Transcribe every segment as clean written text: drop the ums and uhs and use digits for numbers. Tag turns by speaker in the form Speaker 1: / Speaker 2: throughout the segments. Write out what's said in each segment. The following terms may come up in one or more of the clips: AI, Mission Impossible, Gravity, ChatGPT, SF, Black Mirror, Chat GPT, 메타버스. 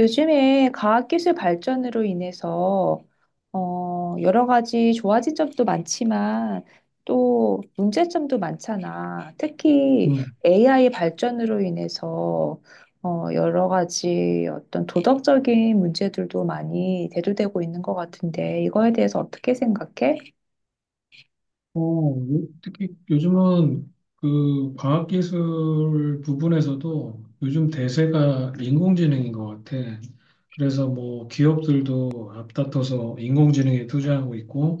Speaker 1: 요즘에 과학기술 발전으로 인해서 여러 가지 좋아진 점도 많지만 또 문제점도 많잖아. 특히
Speaker 2: 음.
Speaker 1: AI 발전으로 인해서 여러 가지 어떤 도덕적인 문제들도 많이 대두되고 있는 것 같은데 이거에 대해서 어떻게 생각해?
Speaker 2: 어, 특히 요즘은 그 과학기술 부분에서도 요즘 대세가 인공지능인 것 같아. 그래서 뭐 기업들도 앞다퉈서 인공지능에 투자하고 있고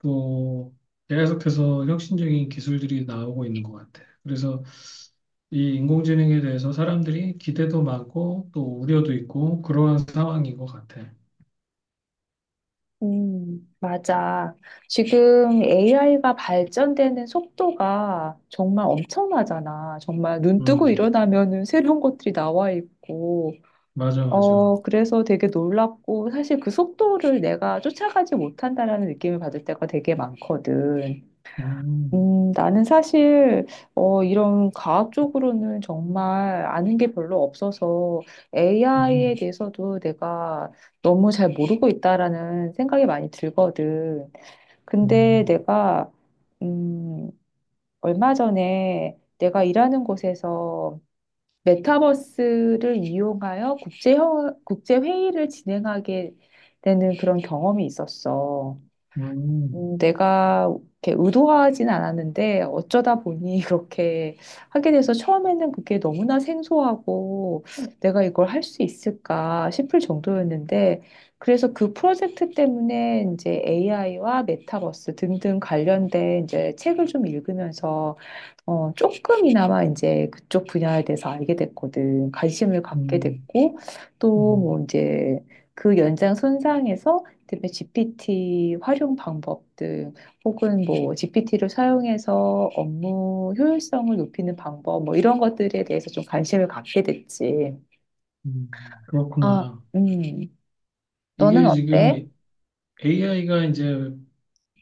Speaker 2: 또 계속해서 혁신적인 기술들이 나오고 있는 것 같아. 그래서 이 인공지능에 대해서 사람들이 기대도 많고 또 우려도 있고 그러한 상황인 것 같아.
Speaker 1: 맞아. 지금 AI가 발전되는 속도가 정말 엄청나잖아. 정말 눈 뜨고
Speaker 2: 음,
Speaker 1: 일어나면은 새로운 것들이 나와 있고,
Speaker 2: 맞아, 맞아.
Speaker 1: 그래서 되게 놀랍고, 사실 그 속도를 내가 쫓아가지 못한다라는 느낌을 받을 때가 되게 많거든.
Speaker 2: 음,
Speaker 1: 나는 사실, 이런 과학 쪽으로는 정말 아는 게 별로 없어서 AI에
Speaker 2: 음,
Speaker 1: 대해서도 내가 너무 잘 모르고 있다라는 생각이 많이 들거든. 근데
Speaker 2: 음,
Speaker 1: 내가, 음, 얼마 전에 내가 일하는 곳에서 메타버스를 이용하여 국제 회의를 진행하게 되는 그런 경험이 있었어.
Speaker 2: 음.
Speaker 1: 내가 이렇게 의도하진 않았는데 어쩌다 보니 그렇게 하게 돼서 처음에는 그게 너무나 생소하고 내가 이걸 할 수 있을까 싶을 정도였는데 그래서 그 프로젝트 때문에 이제 AI와 메타버스 등등 관련된 이제 책을 좀 읽으면서 조금이나마 이제 그쪽 분야에 대해서 알게 됐거든. 관심을 갖게
Speaker 2: 음,
Speaker 1: 됐고, 또
Speaker 2: 음,
Speaker 1: 뭐 이제 그 연장 손상에서 그다음에 GPT 활용 방법 등 혹은 뭐 GPT를 사용해서 업무 효율성을 높이는 방법 뭐 이런 것들에 대해서 좀 관심을 갖게 됐지. 아,
Speaker 2: 그렇구나.
Speaker 1: 너는
Speaker 2: 이게 지금
Speaker 1: 어때?
Speaker 2: AI가 이제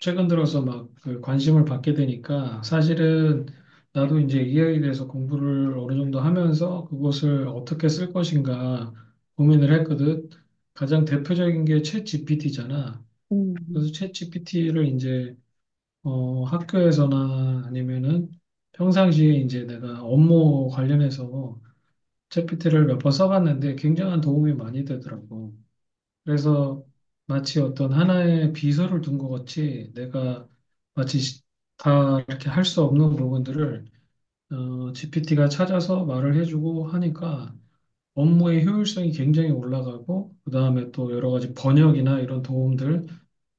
Speaker 2: 최근 들어서 막그 관심을 받게 되니까 사실은 나도 이제 AI에 대해서 공부를 어느 정도 하면서 그것을 어떻게 쓸 것인가 고민을 했거든. 가장 대표적인 게 챗 GPT잖아.
Speaker 1: 음,
Speaker 2: 그래서 챗 GPT를 이제 학교에서나 아니면은 평상시에 이제 내가 업무 관련해서 챗GPT를 몇 번 써봤는데 굉장한 도움이 많이 되더라고. 그래서 마치 어떤 하나의 비서를 둔 것 같이 내가 마치 시- 다 이렇게 할 수 없는 부분들을 GPT가 찾아서 말을 해주고 하니까 업무의 효율성이 굉장히 올라가고 그다음에 또 여러 가지 번역이나 이런 도움들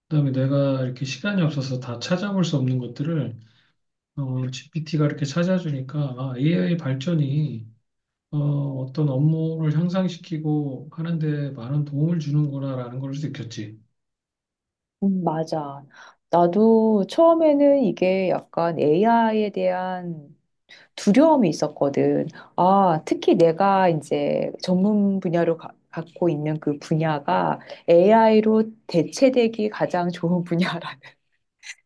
Speaker 2: 그다음에 내가 이렇게 시간이 없어서 다 찾아볼 수 없는 것들을 GPT가 이렇게 찾아주니까 아, AI 발전이 어, 어떤 업무를 향상시키고 하는데 많은 도움을 주는구나라는 걸 느꼈지.
Speaker 1: 맞아. 나도 처음에는 이게 약간 AI에 대한 두려움이 있었거든. 아, 특히 내가 이제 갖고 있는 그 분야가 AI로 대체되기 가장 좋은 분야라.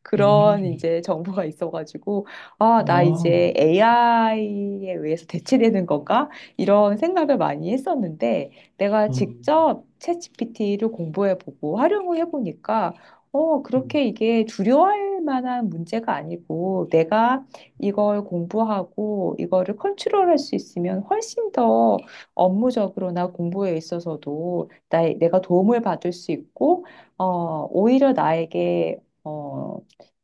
Speaker 1: 그런
Speaker 2: 음.
Speaker 1: 이제 정보가 있어가지고, 아, 나
Speaker 2: 아.
Speaker 1: 이제 AI에 의해서 대체되는 건가? 이런 생각을 많이 했었는데, 내가
Speaker 2: 음.
Speaker 1: 직접 챗GPT를 공부해보고 활용을 해보니까,
Speaker 2: 음.
Speaker 1: 그렇게 이게 두려워할 만한 문제가 아니고, 내가 이걸 공부하고, 이거를 컨트롤할 수 있으면 훨씬 더 업무적으로나 공부에 있어서도 내가 도움을 받을 수 있고, 오히려 나에게, 어,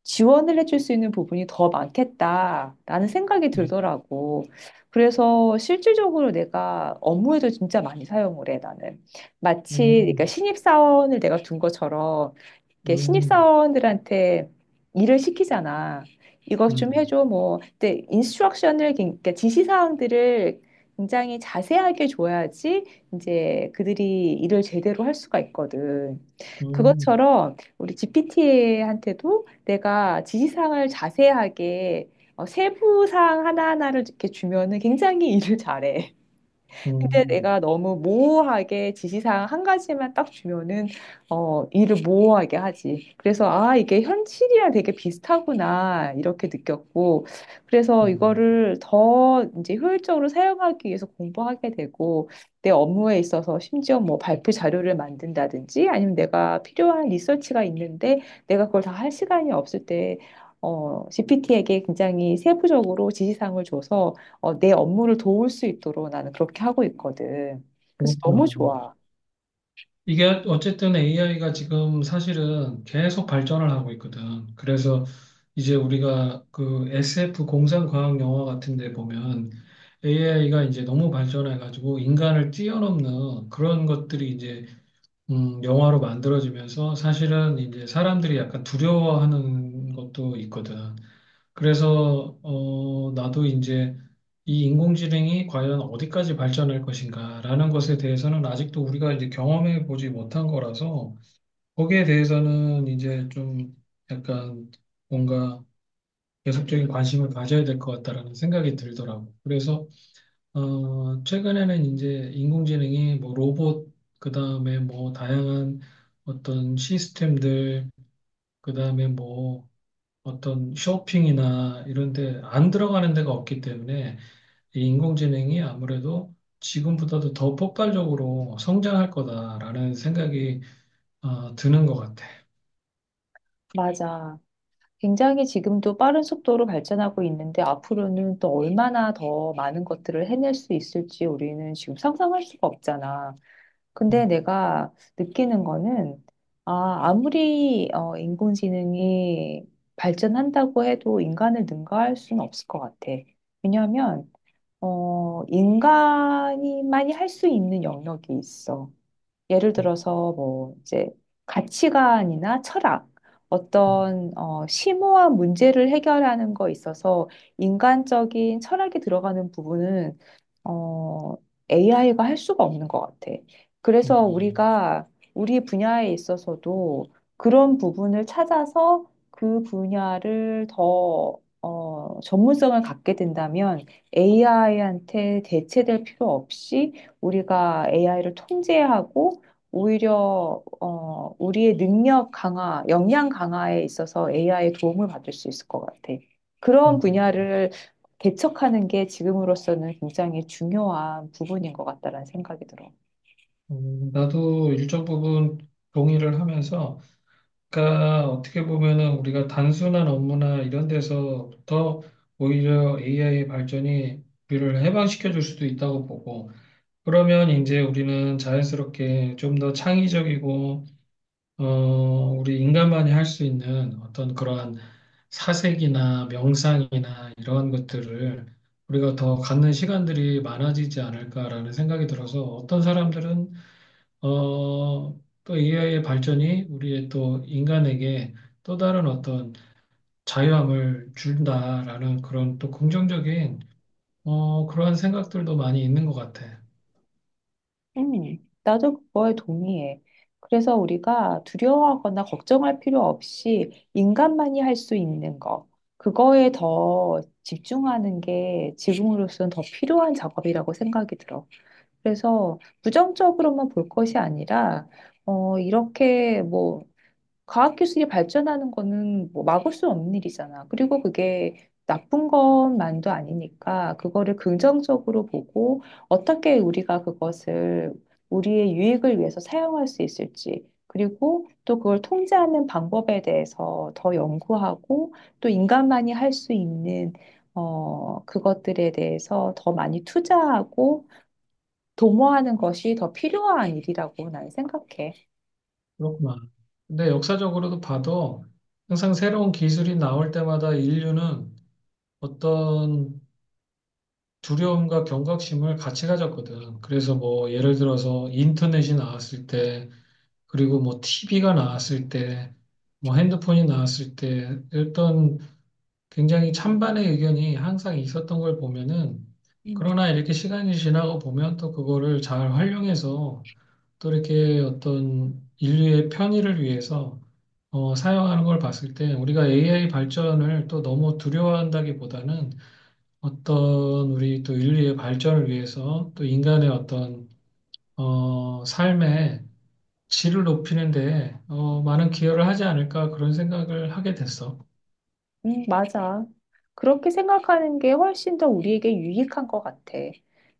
Speaker 1: 지원을 해줄 수 있는 부분이 더 많겠다라는 생각이 들더라고. 그래서 실질적으로 내가 업무에도 진짜 많이 사용을 해, 나는. 마치, 그러니까
Speaker 2: 음.
Speaker 1: 신입사원을 내가 둔 것처럼, 이렇게
Speaker 2: 음.
Speaker 1: 신입사원들한테 일을 시키잖아. 이것 좀
Speaker 2: 음.
Speaker 1: 해줘, 뭐. 근데 인스트럭션을, 그러니까 지시사항들을 굉장히 자세하게 줘야지 이제 그들이 일을 제대로 할 수가 있거든.
Speaker 2: 음.
Speaker 1: 그것처럼 우리 GPT한테도 내가 지시사항을 자세하게 세부사항 하나하나를 이렇게 주면은 굉장히 일을 잘해. 근데
Speaker 2: 음.
Speaker 1: 내가 너무 모호하게 지시사항 한 가지만 딱 주면은 일을 모호하게 하지. 그래서 아, 이게 현실이랑 되게 비슷하구나 이렇게 느꼈고 그래서
Speaker 2: 음.
Speaker 1: 이거를 더 이제 효율적으로 사용하기 위해서 공부하게 되고 내 업무에 있어서 심지어 뭐 발표 자료를 만든다든지 아니면 내가 필요한 리서치가 있는데 내가 그걸 다 할 시간이 없을 때 GPT에게 굉장히 세부적으로 지시사항을 줘서 내 업무를 도울 수 있도록 나는 그렇게 하고 있거든. 그래서 너무
Speaker 2: 그렇구나.
Speaker 1: 좋아.
Speaker 2: 이게 어쨌든 AI가 지금 사실은 계속 발전을 하고 있거든. 그래서 이제 우리가 그 SF 공상과학 영화 같은 데 보면 AI가 이제 너무 발전해가지고 인간을 뛰어넘는 그런 것들이 이제 영화로 만들어지면서 사실은 이제 사람들이 약간 두려워하는 것도 있거든. 그래서 나도 이제 이 인공지능이 과연 어디까지 발전할 것인가라는 것에 대해서는 아직도 우리가 이제 경험해 보지 못한 거라서 거기에 대해서는 이제 좀 약간 뭔가 계속적인 관심을 가져야 될 것 같다라는 생각이 들더라고. 그래서 최근에는 이제 인공지능이 뭐 로봇 그다음에 뭐 다양한 어떤 시스템들 그다음에 뭐 어떤 쇼핑이나 이런 데 안 들어가는 데가 없기 때문에 이 인공지능이 아무래도 지금보다도 더 폭발적으로 성장할 거다라는 생각이 드는 것 같아.
Speaker 1: 맞아. 굉장히 지금도 빠른 속도로 발전하고 있는데 앞으로는 또 얼마나 더 많은 것들을 해낼 수 있을지 우리는 지금 상상할 수가 없잖아. 근데
Speaker 2: 음,
Speaker 1: 내가 느끼는 거는 아, 아무리 인공지능이 발전한다고 해도 인간을 능가할 수는 없을 것 같아. 왜냐하면 인간이만이 할 수 있는 영역이 있어. 예를 들어서 뭐 이제 가치관이나 철학
Speaker 2: 음,
Speaker 1: 어떤 심오한 문제를 해결하는 거 있어서 인간적인 철학이 들어가는 부분은 어, AI가 할 수가 없는 것 같아. 그래서
Speaker 2: 음,
Speaker 1: 우리가 우리 분야에 있어서도 그런 부분을 찾아서 그 분야를 더 전문성을 갖게 된다면 AI한테 대체될 필요 없이 우리가 AI를 통제하고 오히려 우리의 능력 강화, 역량 강화에 있어서 AI의 도움을 받을 수 있을 것 같아. 그런
Speaker 2: 음,
Speaker 1: 분야를 개척하는 게 지금으로서는 굉장히 중요한 부분인 것 같다라는 생각이 들어.
Speaker 2: 나도 일정 부분 동의를 하면서, 그러니까 어떻게 보면은 우리가 단순한 업무나 이런 데서부터 오히려 AI의 발전이 우리를 해방시켜 줄 수도 있다고 보고, 그러면 이제 우리는 자연스럽게 좀 더 창의적이고, 어, 우리 인간만이 할 수 있는 어떤 그러한 사색이나 명상이나 이러한 것들을 우리가 더 갖는 시간들이 많아지지 않을까라는 생각이 들어서 어떤 사람들은, 어, 또 AI의 발전이 우리의 또 인간에게 또 다른 어떤 자유함을 준다라는 그런 또 긍정적인, 그러한 생각들도 많이 있는 것 같아.
Speaker 1: 음, 나도 그거에 동의해. 그래서 우리가 두려워하거나 걱정할 필요 없이 인간만이 할 수 있는 거, 그거에 더 집중하는 게 지금으로서는 더 필요한 작업이라고 생각이 들어. 그래서 부정적으로만 볼 것이 아니라, 이렇게 뭐, 과학 기술이 발전하는 거는 뭐 막을 수 없는 일이잖아. 그리고 그게 나쁜 것만도 아니니까 그거를 긍정적으로 보고 어떻게 우리가 그것을 우리의 유익을 위해서 사용할 수 있을지, 그리고 또 그걸 통제하는 방법에 대해서 더 연구하고 또 인간만이 할 수 있는 그것들에 대해서 더 많이 투자하고 도모하는 것이 더 필요한 일이라고 나는 생각해.
Speaker 2: 그렇구나. 근데 역사적으로도 봐도 항상 새로운 기술이 나올 때마다 인류는 어떤 두려움과 경각심을 같이 가졌거든. 그래서 뭐 예를 들어서 인터넷이 나왔을 때, 그리고 뭐 TV가 나왔을 때, 뭐 핸드폰이 나왔을 때, 어떤 굉장히 찬반의 의견이 항상 있었던 걸 보면은,
Speaker 1: 음.
Speaker 2: 그러나 이렇게 시간이 지나고 보면 또 그거를 잘 활용해서 또 이렇게 어떤 인류의 편의를 위해서 사용하는 걸 봤을 때 우리가 AI 발전을 또 너무 두려워한다기보다는 어떤 우리 또 인류의 발전을 위해서 또 인간의 어떤 삶의 질을 높이는 데 많은 기여를 하지 않을까 그런 생각을 하게 됐어.
Speaker 1: 맞아. 그렇게 생각하는 게 훨씬 더 우리에게 유익한 것 같아.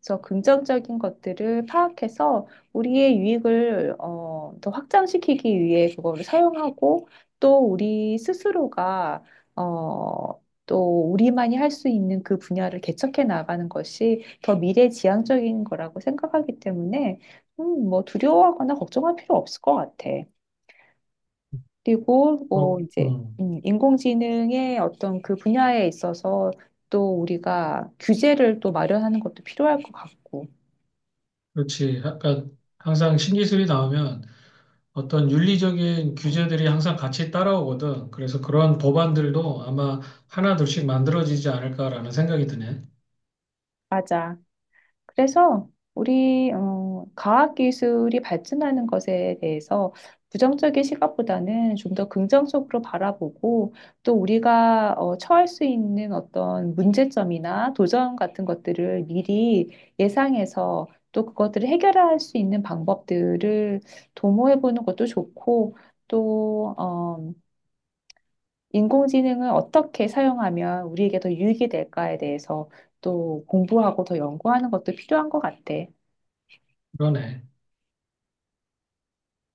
Speaker 1: 그래서 긍정적인 것들을 파악해서 우리의 유익을 더 확장시키기 위해 그거를 사용하고 또 우리 스스로가 또 우리만이 할 수 있는 그 분야를 개척해 나가는 것이 더 미래지향적인 거라고 생각하기 때문에 뭐 두려워하거나 걱정할 필요 없을 것 같아. 그리고 뭐
Speaker 2: 뭐,
Speaker 1: 이제 인공지능의 어떤 그 분야에 있어서 또 우리가 규제를 또 마련하는 것도 필요할 것 같고.
Speaker 2: 그렇지. 약간 항상 신기술이 나오면 어떤 윤리적인 규제들이 항상 같이 따라오거든. 그래서 그러한 법안들도 아마 하나 둘씩 만들어지지 않을까라는 생각이 드네.
Speaker 1: 맞아. 그래서 우리 과학 기술이 발전하는 것에 대해서 부정적인 시각보다는 좀 더 긍정적으로 바라보고 또 우리가 처할 수 있는 어떤 문제점이나 도전 같은 것들을 미리 예상해서 또 그것들을 해결할 수 있는 방법들을 도모해 보는 것도 좋고 또 인공지능을 어떻게 사용하면 우리에게 더 유익이 될까에 대해서 또 공부하고 더 연구하는 것도 필요한 것 같아.
Speaker 2: 그러네.